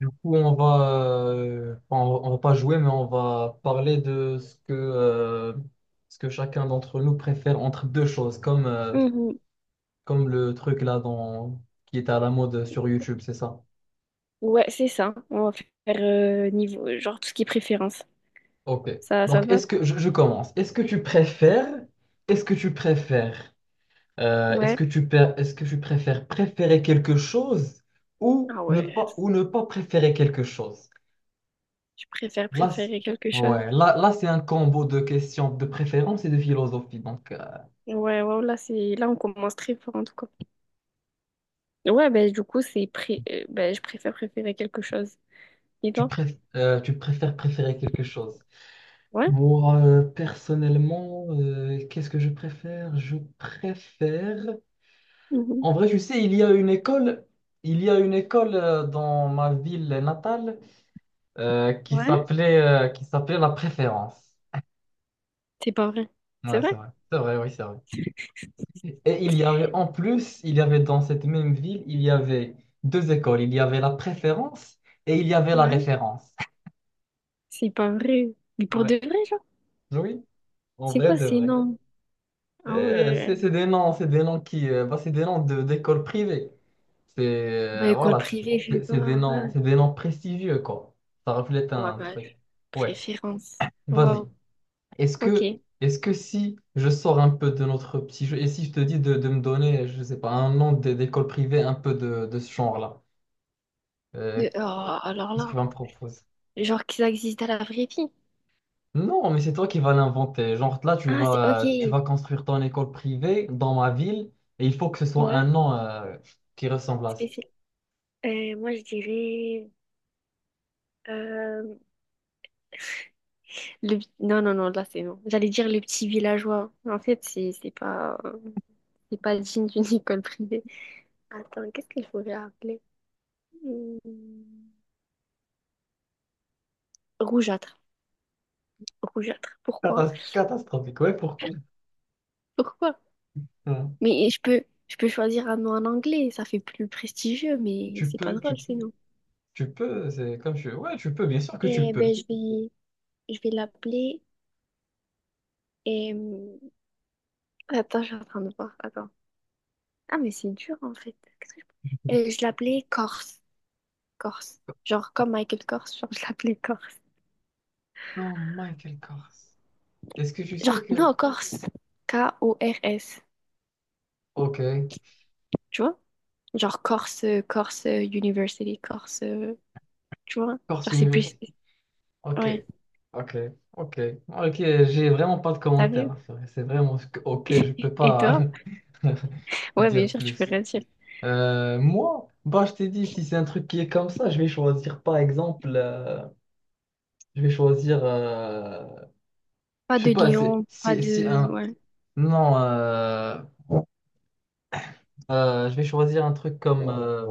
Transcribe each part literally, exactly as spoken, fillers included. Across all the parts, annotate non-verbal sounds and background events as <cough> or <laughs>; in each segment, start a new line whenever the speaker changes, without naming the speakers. Du coup, on va, euh, enfin, on, va on va pas jouer, mais on va parler de ce que, euh, ce que chacun d'entre nous préfère entre deux choses, comme, euh,
Mhm.
comme le truc là dans, qui est à la mode sur YouTube, c'est ça?
Ouais, c'est ça. On va faire euh, niveau, genre tout ce qui est préférence.
Ok.
Ça, ça te
Donc,
va?
est-ce que je, je commence. Est-ce que tu préfères, est-ce que tu préfères, euh, est-ce
Ouais.
que tu per- Est-ce que tu préfères préférer quelque chose ou
Ah
ne
ouais.
pas ou ne pas préférer quelque chose?
Tu préfères
Là, c-
préférer quelque chose?
ouais, là, là c'est un combo de questions de préférence et de philosophie. Donc, euh,
Ouais, ouais, là, c'est... là, on commence très fort en tout cas. Ouais, ben du coup, c'est pré... euh, ben, je préfère préférer quelque chose. Et
tu,
toi?
préf- euh, tu préfères préférer quelque chose.
Ouais?
Moi, euh, personnellement, euh, qu'est-ce que je préfère? Je préfère.
Mhm.
En vrai, tu sais, il y a une école, il y a une école euh, dans ma ville natale euh, qui
Ouais?
s'appelait euh, qui s'appelait La Préférence.
C'est pas vrai. C'est
Ouais, c'est
vrai?
vrai. C'est vrai, oui, c'est vrai. Et il y avait en plus, il y avait dans cette même ville, il y avait deux écoles. Il y avait la préférence et il y avait la
Ouais.
référence.
C'est pas vrai. Mais pour de
Ouais.
vrai, genre?
<laughs> Oui, en
C'est
vrai
quoi?
de
C'est
vrai.
énorme. Ah
Euh, c'est
ouais.
c'est des noms, c'est des noms qui, euh, bah, c'est des noms de d'écoles privées. C'est
Bah,
euh,
école
voilà, c'est
privée, je sais
c'est-
pas.
c'est des noms,
Ouais.
c'est des noms prestigieux quoi. Ça reflète
Ouais,
un
bah,
truc. Ouais.
préférence. Waouh.
Vas-y. Est-ce
Ok.
que est-ce que si je sors un peu de notre petit jeu et si je te dis de, de me donner, je sais pas, un nom d'é- d'école privée un peu de, de ce genre-là. Euh,
De... Oh, alors
Qu'est-ce que tu
là,
vas me proposer?
genre que ça existe à la vraie vie.
Non, mais c'est toi qui vas l'inventer. Genre là, tu
Ah, c'est
vas, tu
ok.
vas construire ton école privée dans ma ville et il faut que ce soit un
Ouais,
nom euh, qui ressemble à ça.
spécial. Euh, moi, je dirais, euh, le... non, non, non, là, c'est non. J'allais dire le petit villageois. En fait, c'est c'est pas... c'est pas digne d'une <laughs> école privée. Attends, qu'est-ce qu'il faudrait appeler? Hmm, Rougeâtre. Rougeâtre. Pourquoi?
Catas- catastrophique. Ouais, pourquoi?
Pourquoi?
Hein.
Mais je peux, je peux choisir un nom en anglais. Ça fait plus prestigieux, mais
Tu
c'est pas
peux, tu
drôle,
peux,
c'est non.
tu peux. C'est comme tu. Ouais, tu peux. Bien sûr que tu
Eh
peux.
ben, je vais, je vais l'appeler. Attends, je suis en train de voir. Attends. Ah, mais c'est dur en fait. Qu'est-ce que je... Euh, je l'appelais Corse. Corse. Genre comme Michael Corse, genre je l'appelais Corse.
Comme Michael Kors. Est-ce que tu sais
Genre,
que.
non, Corse. K O R S.
Ok.
Tu vois? Genre Corse, euh, Corse euh, University, Corse. euh, Tu vois?
Kors
Genre c'est plus.
University. Ok.
Ouais,
Ok. Ok. Ok. J'ai vraiment pas de
t'as
commentaires
vu?
à faire. C'est vraiment. ce que- Ok. Je peux
Et
pas
toi?
<laughs>
Ouais, bien
dire
sûr, tu peux
plus.
rien dire.
Euh, moi, bah, je t'ai dit, si c'est un truc qui est comme ça, je vais choisir par exemple, euh, je vais choisir, euh,
Pas
je sais
de
pas, c'est-
Lyon, pas
si, si
de.
un,
Ouais.
non, euh, euh, je vais choisir un truc comme, euh,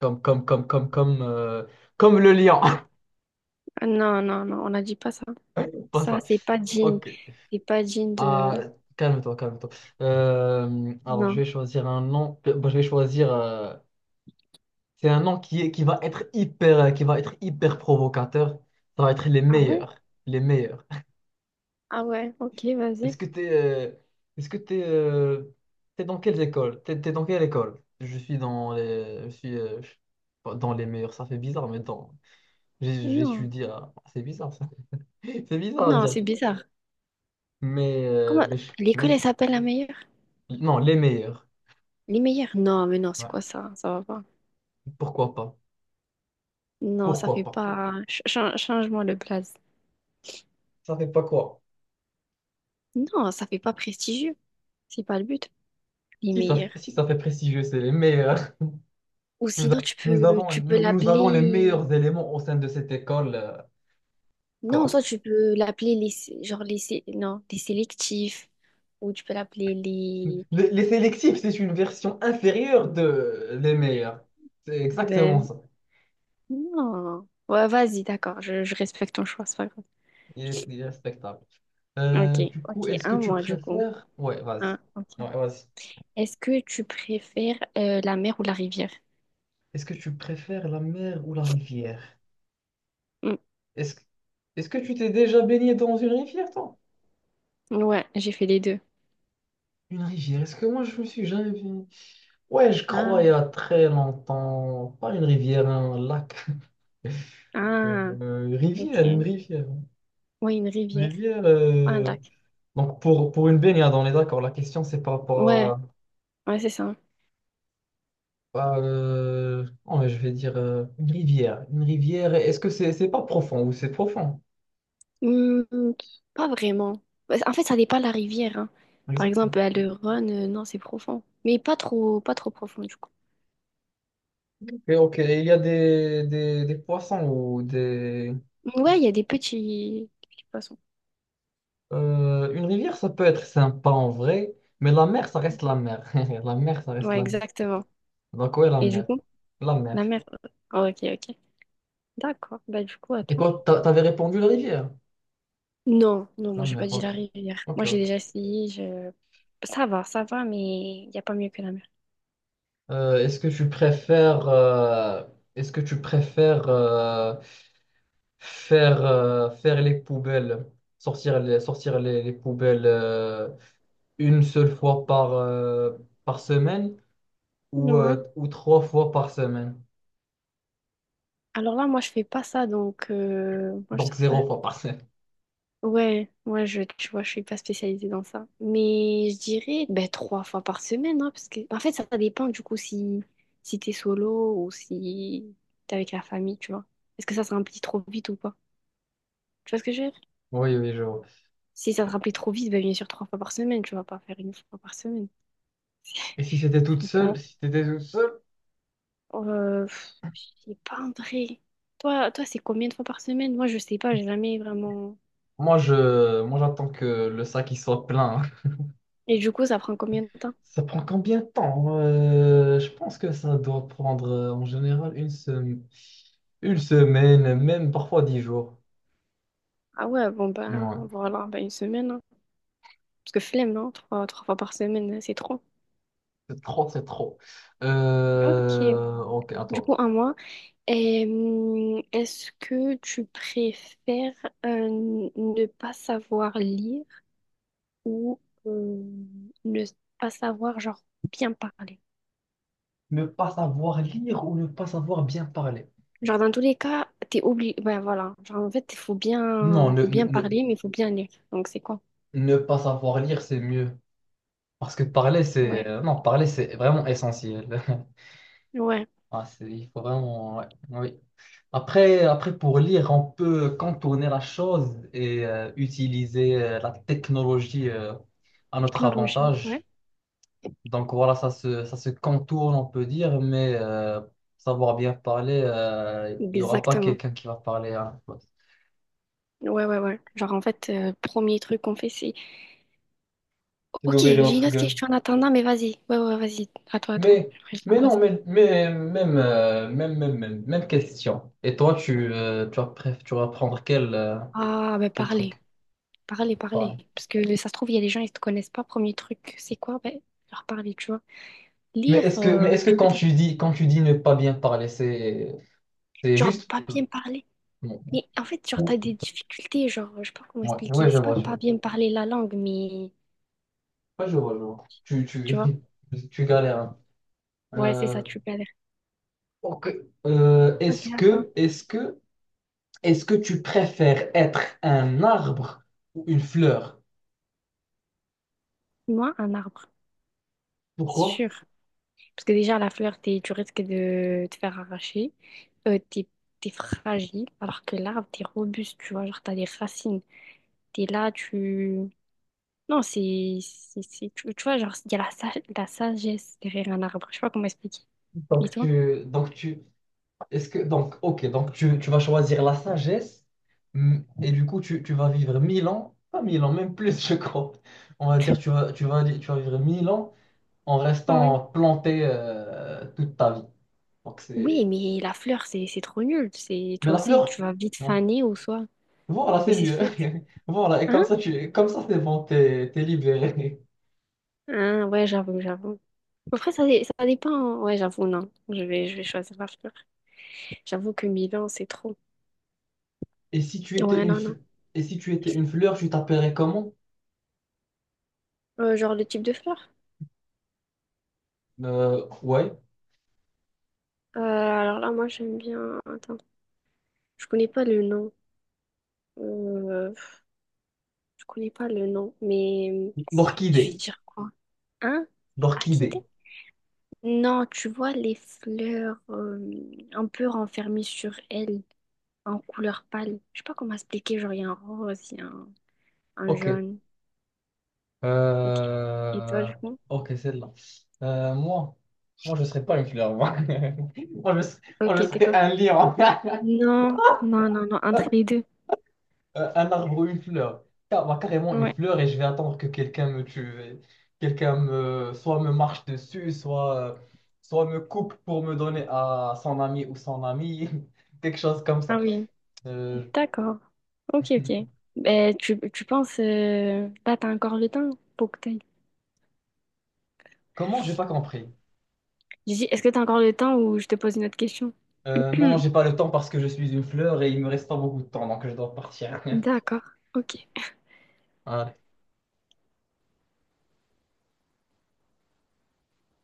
comme, comme, comme, comme, comme, euh, comme le lion, <laughs>
Ah, Non, non, non, on n'a dit pas ça.
pas
Ça,
ça.
c'est pas digne.
Ok,
C'est pas digne de.
ah, calme-toi, calme-toi. Euh, alors, je
Non.
vais choisir un nom, euh, bah, je vais choisir, euh, c'est un nom qui est, qui va être hyper, euh, qui va être hyper provocateur, ça va être les
Ah ouais?
meilleurs, les meilleurs.
Ah ouais, ok, vas-y.
Est-ce que t'es, euh, est-ce que t'es, euh, t'es dans quelles écoles? T'es, t'es dans quelle école? Je suis dans les, je suis, euh, je- pas dans les meilleurs. Ça fait bizarre, mais dans, j'ai-
Non,
j'étudie à, c'est bizarre ça, <laughs> c'est bizarre à
non,
dire.
c'est bizarre.
Mais, euh,
Comment
mais, je- mais
l'école elle
je-
s'appelle la meilleure?
non, les meilleurs.
Les meilleurs? Non, mais non, c'est
Ouais.
quoi ça? Ça va pas.
Pourquoi pas?
Non, ça
Pourquoi
fait
pas?
pas. Ch- chan- Change-moi le blaze.
Ça fait pas quoi?
Non, ça fait pas prestigieux. C'est pas le but. Les
Si ça
meilleurs.
fait, si ça fait prestigieux, c'est les meilleurs. <laughs>
Ou
Nous,
sinon
a-
tu
nous
peux
avons,
tu peux
nous, nous avons les
l'appeler.
meilleurs éléments au sein de cette école, euh,
Non,
quoi.
soit tu peux l'appeler les sé- genre les sé- non les sélectifs. Ou tu peux l'appeler les.
Les, les sélectifs, c'est une version inférieure de les meilleurs. C'est exactement
Ben,
ça.
non. Ouais, vas-y, d'accord. Je, je respecte ton choix, c'est pas grave.
Il est, il est respectable. Euh,
Ok,
du coup,
ok.
est-ce que
Un
tu
mois du coup.
préfères. Ouais, vas-y.
Un, ok.
Ouais, vas-y.
Est-ce que tu préfères euh, la mer ou la rivière?
Est-ce que tu préfères la mer ou la rivière?
Mm.
Est-ce, que- est-ce que tu t'es déjà baigné dans une rivière, toi?
Ouais, j'ai fait les deux.
Une rivière, est-ce que moi, je me suis jamais baigné? Ouais, je
Ah,
crois, il y a très longtemps. Pas une rivière, un lac. <laughs>
ah,
Euh, rivière, une
ok.
rivière.
Ouais, une rivière,
Rivière...
un
euh,
lac.
Donc pour, pour une baignade, on est d'accord. La question, c'est par
Ouais,
rapport
ouais, c'est ça.
à, à, euh, oh, mais je vais dire euh, une rivière. Une rivière, est-ce que c'est c'est pas profond ou c'est profond?
Hmm, pas vraiment. Bah, En fait, ça dépend de la rivière, hein. Par
Exact.
exemple, à le Rhône, euh, non, c'est profond. Mais pas trop, pas trop profond, du coup.
Ok, ok. Il y a des, des, des poissons ou des.
Ouais, il y a des petits, petits poissons.
euh, une rivière, ça peut être sympa en vrai, mais la mer, ça reste la mer. <laughs> La mer, ça reste
Ouais,
la mer.
exactement.
Donc ouais, la
Et du
mer.
coup,
La mer.
la mer. Oh, ok, ok. D'accord. Bah, du coup,
Et
attends.
toi, t'a- t'avais répondu la rivière?
Non, non, moi
La
j'ai
mer,
pas dit
ok.
la rivière.
Ok,
Moi j'ai
ok.
déjà essayé, je... ça va, ça va, mais il n'y a pas mieux que la mer.
Euh, est-ce que tu préfères... euh, Est-ce que tu préfères. euh, faire, euh, faire les poubelles, sortir les, sortir les, les poubelles euh, une seule fois par, euh, par semaine ou,
Ouais.
euh, ou trois fois par semaine.
Alors là, moi je fais pas ça, donc euh, moi je
Donc
sors pas.
zéro fois par semaine. <laughs>
ouais, moi je, tu vois, je suis pas spécialisée dans ça. Mais je dirais ben trois fois par semaine, hein, parce que en fait ça, ça dépend du coup si si t'es solo ou si t'es avec la famille, tu vois. Est-ce que ça se remplit trop vite ou pas? Tu vois ce que je veux dire?
Oui, oui, je vois.
Si ça se remplit trop vite, ben bien sûr trois fois par semaine, tu vas pas faire une fois par semaine.
Et si c'était
<laughs>
toute
C'est pas.
seule, si t'étais toute seule,
Euh, pff, je sais pas en vrai. Toi, toi, c'est combien de fois par semaine? Moi, je sais pas, j'ai jamais vraiment.
moi je moi j'attends que le sac il soit plein.
Et du coup, ça prend combien de temps?
<laughs> Ça prend combien de temps? Euh, je pense que ça doit prendre euh, en général une semaine, une semaine, même parfois dix jours.
Ah ouais, bon ben
Ouais.
voilà, ben une semaine, hein. Parce que flemme, non? Trois, trois fois par semaine, hein, c'est trop.
C'est trop, c'est trop.
Ok.
Euh, ok,
Du
attends.
coup, un mois. Et hum, est-ce que tu préfères euh, ne pas savoir lire ou euh, ne pas savoir genre bien parler?
Ne pas savoir lire ou ne pas savoir bien parler?
Genre, dans tous les cas, t'es oublié, ben voilà. Genre, en fait, il faut
Non,
bien,
ne,
faut
ne,
bien
ne,
parler, mais il faut bien lire. Donc, c'est quoi?
ne pas savoir lire, c'est mieux. Parce que parler, c'est.
Ouais,
euh, Non, parler, c'est vraiment essentiel. <laughs>
ouais.
Ah, c'est, il faut vraiment. Ouais, oui. Après, après, pour lire, on peut contourner la chose et euh, utiliser euh, la technologie euh, à notre
Technologie, ouais.
avantage. Donc voilà, ça se, ça se contourne, on peut dire, mais euh, savoir bien parler, euh, il n'y aura pas
Exactement.
quelqu'un qui va parler à la place.
Ouais, ouais, ouais. Genre, en fait, euh, premier truc qu'on fait, c'est...
C'est
Ok,
d'ouvrir
j'ai une
notre
autre
gueule.
question en attendant, mais vas-y. Ouais, ouais, vas-y. À toi, à toi.
Mais,
Après, je la
mais
pose.
non, mais, mais même, euh, même, même, même, même question. Et toi, tu, euh, tu vas, préf- tu vas prendre quel, euh,
Ah, ben,
quel truc?
parler. Parler, parler.
Pardon.
Parce que ça se trouve, il y a des gens, ils te connaissent pas. Premier truc, c'est quoi? Ben, leur parler, tu vois.
Mais
Lire,
est-ce que, mais
euh,
est-ce que
tu peux.
quand
t'en-
tu dis, quand tu dis ne pas bien parler, c'est, c'est
Genre,
juste.
pas
euh,
bien parler. Mais en fait, genre, t'as des
bon.
difficultés, genre, je sais pas comment
Ouais,
expliquer.
ouais, je
C'est pas
vois, je
pas
vois.
bien parler la langue, mais
Ouais, je vois, je vois. Tu,
tu vois,
tu, <laughs> tu galères. Hein.
ouais, c'est ça,
Euh,
tu galères.
ok. Euh,
Ok,
est-ce
attends.
que, est-ce que, est-ce que tu préfères être un arbre ou une fleur?
Moi, un arbre,
Pourquoi?
sûr. Parce que déjà, la fleur, t'es, tu risques de te faire arracher. Euh, t'es, t'es fragile, alors que l'arbre, t'es robuste, tu vois, genre, t'as des racines. T'es là, tu. Non, c'est. c'est, c'est- Tu, tu vois, genre, il y a la, sa- la sagesse derrière un arbre. Je sais pas comment expliquer. Et
Donc
toi?
tu, donc tu, est-ce que, donc, ok, donc tu, tu vas choisir la sagesse mm, et du coup tu, tu vas vivre mille ans, pas mille ans, même plus, je crois. On va dire tu vas, tu vas, tu vas vivre mille ans en
Ouais.
restant planté euh, toute ta vie. Donc
Oui,
c'est,
mais la fleur, c'est c'est trop nul. C'est
mais
toi
la
aussi,
fleur,
tu vas vite
non.
faner ou soit.
Voilà,
Mais
c'est
c'est
mieux.
soit tu.
<laughs> Voilà, et comme
Hein?
ça tu, comme ça c'est bon, t'es, t'es libéré.
Hein, ouais, j'avoue, j'avoue. Après, ça, dé- ça dépend. Ouais, j'avoue, non. Je vais, je vais choisir la fleur. J'avoue que Milan, c'est trop.
Et si tu étais
Ouais,
une,
non, non.
fl- et si tu étais une fleur, tu t'appellerais comment?
Euh, genre le type de fleur?
Euh, ouais,
Euh, alors là, moi, j'aime bien. Attends, je connais pas le nom. Euh, je connais pas le nom, mais je vais
l'orchidée.
dire quoi? Hein?
L'orchidée.
Orchidée? Non, tu vois les fleurs euh, un peu renfermées sur elles, en couleur pâle. Je sais pas comment expliquer, genre il y a un rose, il y a un, un
Ok.
jaune. Ok. Et toi,
Euh,
du coup?
ok, celle-là. Euh, moi, moi, je serais pas une fleur. Moi, <laughs> moi, je, serais- moi, je
Ok, t'es
serais
quoi?
un lion. <laughs>
Non, non, non, non, entre les deux.
Euh, un arbre ou une fleur. Car- moi, carrément une
Ouais.
fleur et je vais attendre que quelqu'un me tue. Et quelqu'un me, soit me marche dessus, soit, euh, soit me coupe pour me donner à son ami ou son amie. <laughs> Quelque chose comme
Ah
ça.
oui.
Euh,
D'accord. Ok, ok. Ben, tu, tu penses, euh, là, t'as encore le temps pour que t'ailles.
Comment? J'ai pas compris.
J'ai dit, est-ce que t'as encore le temps ou je te pose une autre question?
Euh, non, non, j'ai
<clears throat>
pas le temps parce que je suis une fleur et il me reste pas beaucoup de temps, donc je dois partir. <laughs>
D'accord. Ok.
Ah,